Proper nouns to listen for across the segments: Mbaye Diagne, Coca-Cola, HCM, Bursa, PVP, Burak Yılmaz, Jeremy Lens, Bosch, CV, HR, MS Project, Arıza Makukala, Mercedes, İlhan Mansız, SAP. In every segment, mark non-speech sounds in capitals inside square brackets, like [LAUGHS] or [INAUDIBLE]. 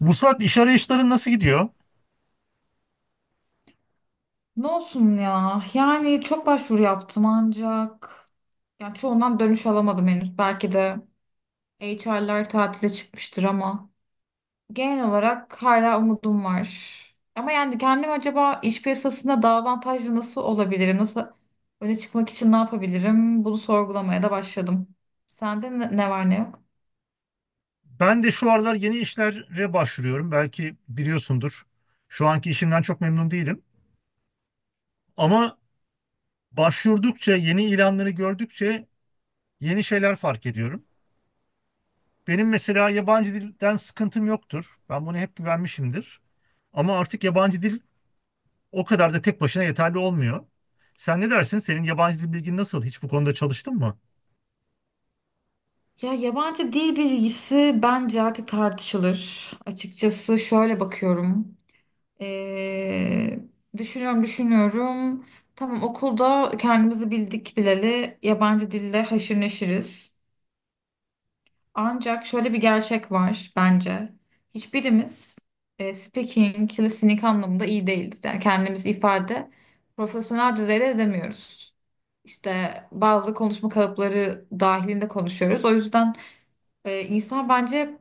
Vuslat, iş arayışların nasıl gidiyor? Ne olsun ya? Yani çok başvuru yaptım ancak yani çoğundan dönüş alamadım henüz. Belki de HR'lar tatile çıkmıştır ama genel olarak hala umudum var. Ama yani kendim acaba iş piyasasında daha avantajlı nasıl olabilirim? Nasıl öne çıkmak için ne yapabilirim? Bunu sorgulamaya da başladım. Sende ne var ne yok? Ben de şu aralar yeni işlere başvuruyorum. Belki biliyorsundur. Şu anki işimden çok memnun değilim. Ama başvurdukça, yeni ilanları gördükçe yeni şeyler fark ediyorum. Benim mesela yabancı dilden sıkıntım yoktur. Ben bunu hep güvenmişimdir. Ama artık yabancı dil o kadar da tek başına yeterli olmuyor. Sen ne dersin? Senin yabancı dil bilgin nasıl? Hiç bu konuda çalıştın mı? Ya yabancı dil bilgisi bence artık tartışılır. Açıkçası şöyle bakıyorum. Ee, Düşünüyorum düşünüyorum. Tamam, okulda kendimizi bildik bileli yabancı dille haşır neşiriz. Ancak şöyle bir gerçek var bence. Hiçbirimiz speaking, listening anlamında iyi değiliz. Yani kendimizi ifade profesyonel düzeyde edemiyoruz. İşte bazı konuşma kalıpları dahilinde konuşuyoruz. O yüzden insan bence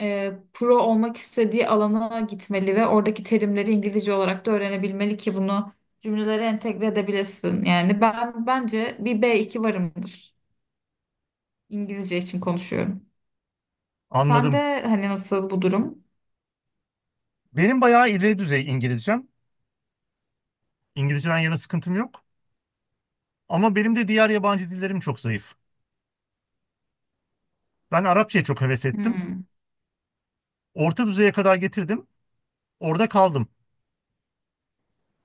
pro olmak istediği alana gitmeli ve oradaki terimleri İngilizce olarak da öğrenebilmeli ki bunu cümlelere entegre edebilesin. Yani ben bence bir b iki varımdır. İngilizce için konuşuyorum. Sen Anladım. de hani nasıl bu durum? Benim bayağı ileri düzey İngilizcem. İngilizceden yana sıkıntım yok. Ama benim de diğer yabancı dillerim çok zayıf. Ben Arapçaya çok heves ettim. Hmm. Orta düzeye kadar getirdim. Orada kaldım.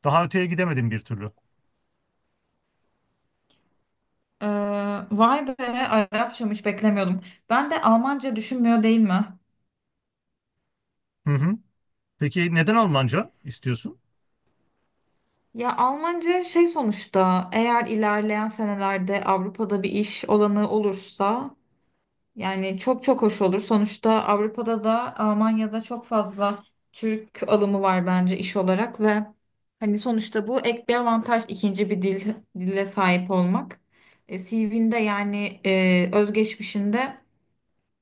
Daha öteye gidemedim bir türlü. Ee, Vay be, Arapçam hiç beklemiyordum. Ben de Almanca düşünmüyor değil mi? Hı hı. Peki neden Almanca istiyorsun? Ya Almanca şey, sonuçta eğer ilerleyen senelerde Avrupa'da bir iş olanı olursa. Yani çok çok hoş olur. Sonuçta Avrupa'da da Almanya'da çok fazla Türk alımı var bence iş olarak ve hani sonuçta bu ek bir avantaj, ikinci bir dille sahip olmak. CV'nde yani özgeçmişinde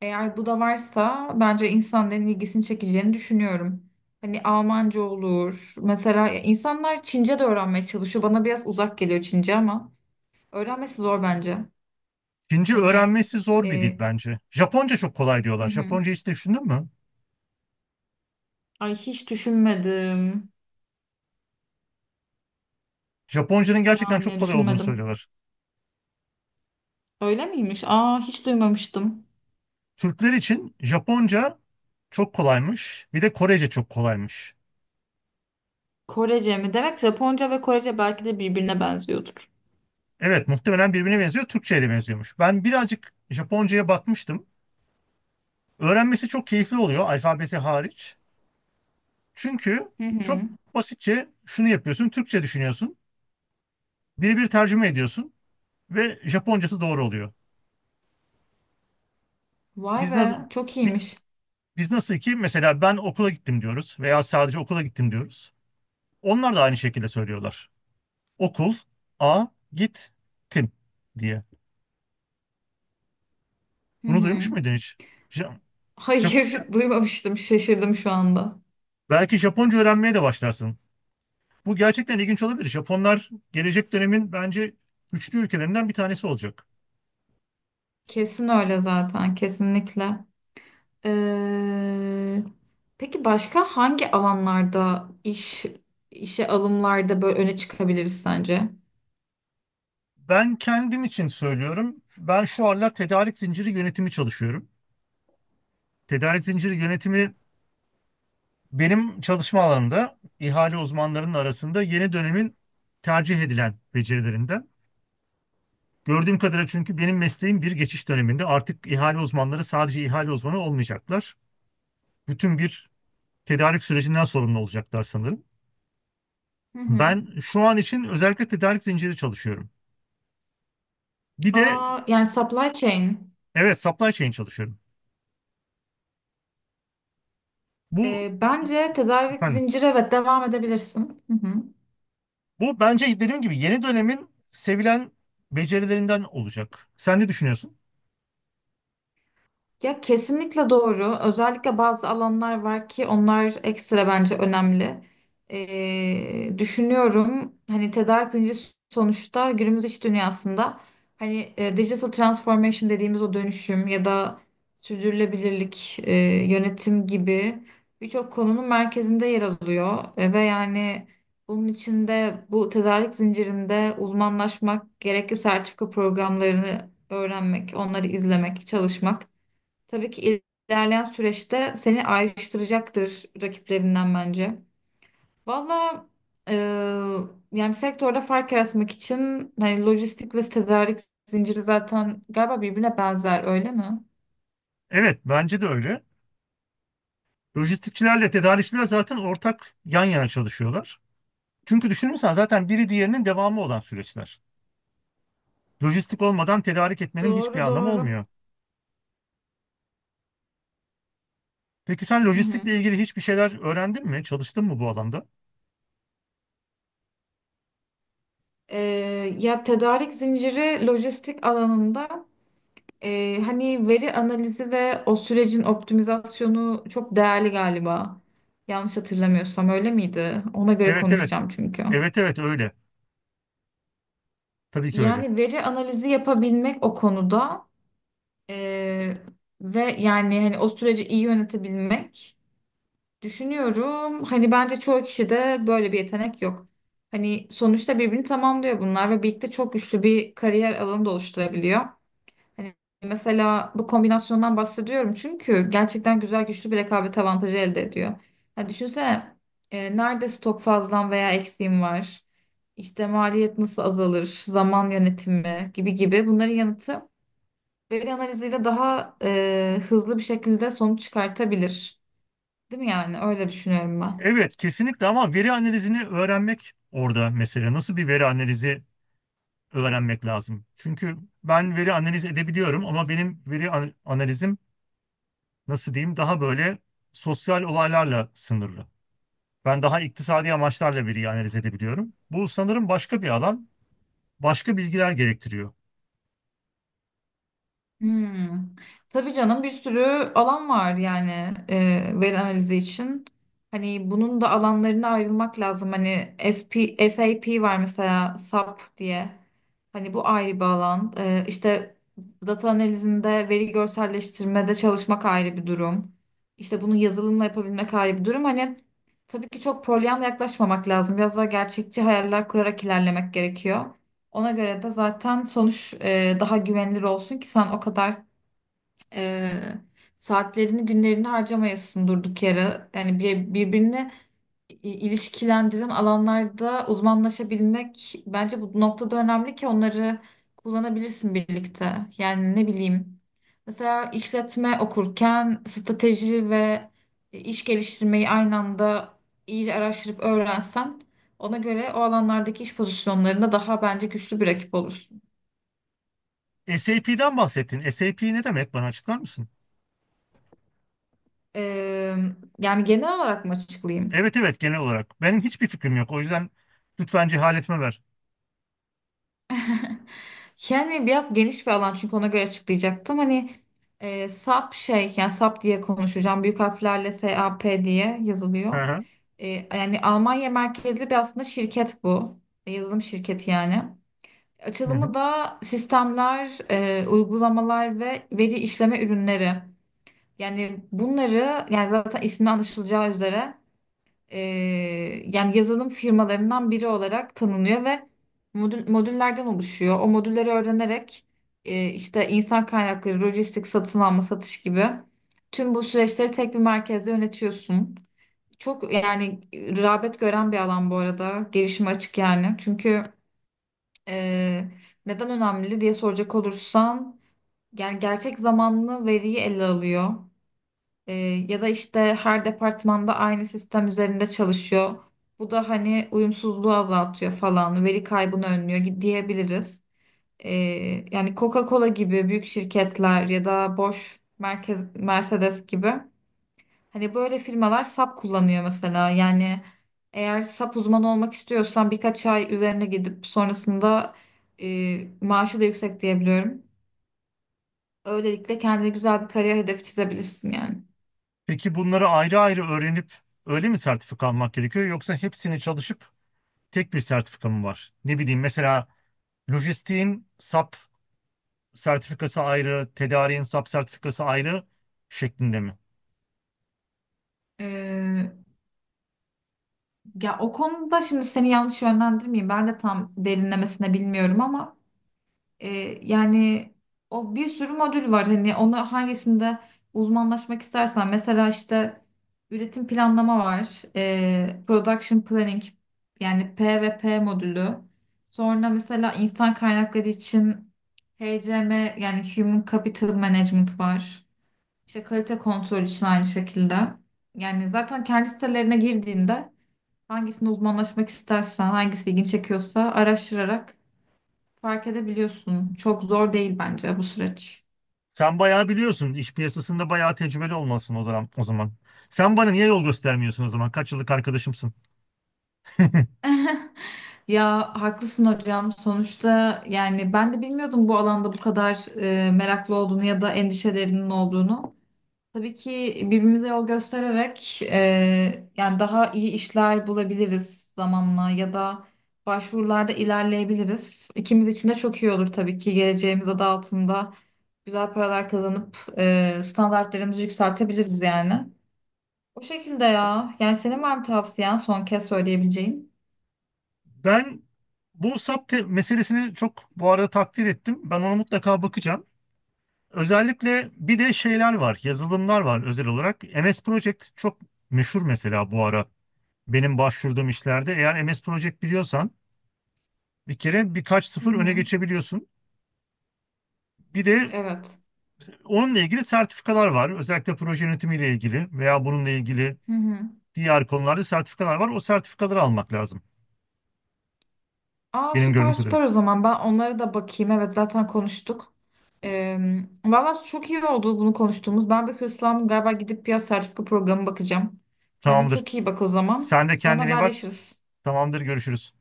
eğer bu da varsa bence insanların ilgisini çekeceğini düşünüyorum. Hani Almanca olur. Mesela insanlar Çince de öğrenmeye çalışıyor. Bana biraz uzak geliyor Çince ama öğrenmesi zor bence. Çince Hani öğrenmesi zor bir e, dil bence. Japonca çok kolay hı diyorlar. hı. Japonca hiç düşündün mü? Ay hiç düşünmedim. Japonca'nın gerçekten çok Yani kolay olduğunu düşünmedim. söylüyorlar. Öyle miymiş? Aa hiç duymamıştım. Türkler için Japonca çok kolaymış. Bir de Korece çok kolaymış. Korece mi? Demek Japonca ve Korece belki de birbirine benziyordur. Evet, muhtemelen birbirine benziyor. Türkçe'ye de benziyormuş. Ben birazcık Japonca'ya bakmıştım. Öğrenmesi çok keyifli oluyor, alfabesi hariç. Çünkü Hı hı. çok basitçe şunu yapıyorsun: Türkçe düşünüyorsun, birebir tercüme ediyorsun ve Japoncası doğru oluyor. Vay Biz nasıl be, çok iyiymiş. biz nasıl ki mesela ben okula gittim diyoruz veya sadece okula gittim diyoruz. Onlar da aynı şekilde söylüyorlar. Okul a git tim diye. Hı Bunu hı. duymuş muydun hiç? Ja- Japonca. Hayır, [LAUGHS] duymamıştım. Şaşırdım şu anda. Belki Japonca öğrenmeye de başlarsın. Bu gerçekten ilginç olabilir. Japonlar gelecek dönemin bence güçlü ülkelerinden bir tanesi olacak. Kesin öyle zaten, kesinlikle. Ee, peki başka hangi alanlarda işe alımlarda böyle öne çıkabiliriz sence? Ben kendim için söylüyorum. Ben şu aralar tedarik zinciri yönetimi çalışıyorum. Tedarik zinciri yönetimi benim çalışma alanımda ihale uzmanlarının arasında yeni dönemin tercih edilen becerilerinden. Gördüğüm kadarıyla, çünkü benim mesleğim bir geçiş döneminde, artık ihale uzmanları sadece ihale uzmanı olmayacaklar. Bütün bir tedarik sürecinden sorumlu olacaklar sanırım. Hı hı. Ben şu an için özellikle tedarik zinciri çalışıyorum. Bir de Aa, yani supply chain. evet, supply chain çalışıyorum. Bu Bence tedarik efendim, zinciri, evet, devam edebilirsin. Hı hı. bu bence dediğim gibi yeni dönemin sevilen becerilerinden olacak. Sen ne düşünüyorsun? Ya kesinlikle doğru. Özellikle bazı alanlar var ki onlar ekstra bence önemli. Düşünüyorum, hani tedarik zinciri sonuçta günümüz iş dünyasında, hani digital transformation dediğimiz o dönüşüm ya da sürdürülebilirlik, yönetim gibi birçok konunun merkezinde yer alıyor. Ve yani bunun içinde bu tedarik zincirinde uzmanlaşmak, gerekli sertifika programlarını öğrenmek, onları izlemek, çalışmak. Tabii ki ilerleyen süreçte seni ayrıştıracaktır rakiplerinden bence. Valla e, yani sektörde fark yaratmak için hani lojistik ve tedarik zinciri zaten galiba birbirine benzer, öyle mi? Evet, bence de öyle. Lojistikçilerle tedarikçiler zaten ortak yan yana çalışıyorlar. Çünkü düşünürsen zaten biri diğerinin devamı olan süreçler. Lojistik olmadan tedarik etmenin hiçbir Doğru anlamı doğru. olmuyor. Peki sen Hı hı. lojistikle ilgili hiçbir şeyler öğrendin mi? Çalıştın mı bu alanda? E, Ya tedarik zinciri lojistik alanında hani veri analizi ve o sürecin optimizasyonu çok değerli galiba. Yanlış hatırlamıyorsam öyle miydi? Ona göre Evet, evet. konuşacağım çünkü. Evet, evet öyle. Tabii ki öyle. Yani veri analizi yapabilmek o konuda, eee, ve yani hani o süreci iyi yönetebilmek düşünüyorum. Hani bence çoğu kişide böyle bir yetenek yok. Hani sonuçta birbirini tamamlıyor bunlar ve birlikte çok güçlü bir kariyer alanı da oluşturabiliyor. Hani mesela bu kombinasyondan bahsediyorum çünkü gerçekten güzel, güçlü bir rekabet avantajı elde ediyor. Ya düşünsene, nerede stok fazlan veya eksiğin var? İşte maliyet nasıl azalır? Zaman yönetimi gibi gibi, bunların yanıtı veri analiziyle daha hızlı bir şekilde sonuç çıkartabilir. Değil mi yani? Öyle düşünüyorum ben. Evet, kesinlikle, ama veri analizini öğrenmek orada mesela. Nasıl bir veri analizi öğrenmek lazım? Çünkü ben veri analiz edebiliyorum, ama benim veri analizim nasıl diyeyim, daha böyle sosyal olaylarla sınırlı. Ben daha iktisadi amaçlarla veriyi analiz edebiliyorum. Bu sanırım başka bir alan, başka bilgiler gerektiriyor. Hmm. Tabii canım, bir sürü alan var yani veri analizi için. Hani bunun da alanlarına ayrılmak lazım. Hani SAP var mesela, SAP diye. Hani bu ayrı bir alan. İşte data analizinde, veri görselleştirmede çalışmak ayrı bir durum. İşte bunu yazılımla yapabilmek ayrı bir durum. Hani tabii ki çok polyanla yaklaşmamak lazım. Biraz daha gerçekçi hayaller kurarak ilerlemek gerekiyor. Ona göre de zaten sonuç daha güvenilir olsun ki sen o kadar e, saatlerini, günlerini harcamayasın durduk yere. Yani birbirine ilişkilendiren alanlarda uzmanlaşabilmek bence bu noktada önemli ki onları kullanabilirsin birlikte. Yani ne bileyim, mesela işletme okurken strateji ve iş geliştirmeyi aynı anda iyice araştırıp öğrensen, ona göre o alanlardaki iş pozisyonlarında daha bence güçlü bir rakip olursun. SAP'den bahsettin. SAP ne demek? Bana açıklar mısın? Eee, Yani genel olarak mı açıklayayım? Evet evet, genel olarak. Benim hiçbir fikrim yok. O yüzden lütfen cehaletime ver. [LAUGHS] Yani biraz geniş bir alan, çünkü ona göre açıklayacaktım. Hani SAP şey, yani SAP diye konuşacağım. Büyük harflerle SAP diye Hı yazılıyor. hı. Yani Almanya merkezli bir aslında şirket bu. Yazılım şirketi yani. Hı Açılımı hı. da sistemler, uygulamalar ve veri işleme ürünleri. Yani bunları, yani zaten ismi anlaşılacağı üzere, e, yani yazılım firmalarından biri olarak tanınıyor ve modüllerden oluşuyor. O modülleri öğrenerek işte insan kaynakları, lojistik, satın alma, satış gibi tüm bu süreçleri tek bir merkezde yönetiyorsun. Çok yani rağbet gören bir alan bu arada. Gelişime açık yani. Çünkü e, neden önemli diye soracak olursan, yani gerçek zamanlı veriyi ele alıyor. Ee, Ya da işte her departmanda aynı sistem üzerinde çalışıyor. Bu da hani uyumsuzluğu azaltıyor falan, veri kaybını önlüyor diyebiliriz. Ee, Yani Coca-Cola gibi büyük şirketler ya da Bosch, Mercedes gibi, hani böyle firmalar SAP kullanıyor mesela. Yani eğer SAP uzmanı olmak istiyorsan birkaç ay üzerine gidip sonrasında, maaşı da yüksek diyebiliyorum. Öylelikle kendine güzel bir kariyer hedefi çizebilirsin yani. Peki bunları ayrı ayrı öğrenip öyle mi sertifika almak gerekiyor, yoksa hepsini çalışıp tek bir sertifika mı var? Ne bileyim, mesela Lojistiğin SAP sertifikası ayrı, tedariğin SAP sertifikası ayrı şeklinde mi? Ee, Ya o konuda şimdi seni yanlış yönlendirmeyeyim. Ben de tam derinlemesine bilmiyorum ama E, yani o, bir sürü modül var hani, ona hangisinde uzmanlaşmak istersen. Mesela işte üretim planlama var, production planning yani, PVP modülü. Sonra mesela insan kaynakları için HCM yani Human Capital Management var, işte kalite kontrol için aynı şekilde. Yani zaten kendi sitelerine girdiğinde hangisine uzmanlaşmak istersen, hangisi ilgini çekiyorsa araştırarak fark edebiliyorsun. Çok zor değil bence bu süreç. Sen bayağı biliyorsun. İş piyasasında bayağı tecrübeli olmalısın o zaman. O zaman sen bana niye yol göstermiyorsun o zaman? Kaç yıllık arkadaşımsın? [LAUGHS] Ya haklısın hocam. Sonuçta yani ben de bilmiyordum bu alanda bu kadar meraklı olduğunu ya da endişelerinin olduğunu. Tabii ki birbirimize yol göstererek, yani daha iyi işler bulabiliriz zamanla ya da başvurularda ilerleyebiliriz. İkimiz için de çok iyi olur tabii ki, geleceğimiz adı altında güzel paralar kazanıp standartlarımızı yükseltebiliriz yani. O şekilde ya. Yani senin var mı tavsiyen son kez söyleyebileceğin? Ben bu SAP meselesini çok bu arada takdir ettim. Ben ona mutlaka bakacağım. Özellikle bir de şeyler var, yazılımlar var özel olarak. MS Project çok meşhur mesela bu ara. Benim başvurduğum işlerde eğer MS Project biliyorsan bir kere birkaç Hı sıfır öne hı. geçebiliyorsun. Bir de Evet. onunla ilgili sertifikalar var. Özellikle proje yönetimiyle ilgili veya bununla ilgili Hı hı. diğer konularda sertifikalar var. O sertifikaları almak lazım. Aa, Benim gördüğüm süper kadarıyla. süper o zaman. Ben onlara da bakayım. Evet, zaten konuştuk. Ee, Valla çok iyi oldu bunu konuştuğumuz. Ben bir hırslandım galiba, gidip bir sertifika programı bakacağım. Kendine Tamamdır. çok iyi bak o zaman. Sen de Sonra kendine iyi bak. haberleşiriz. Tamamdır. Görüşürüz.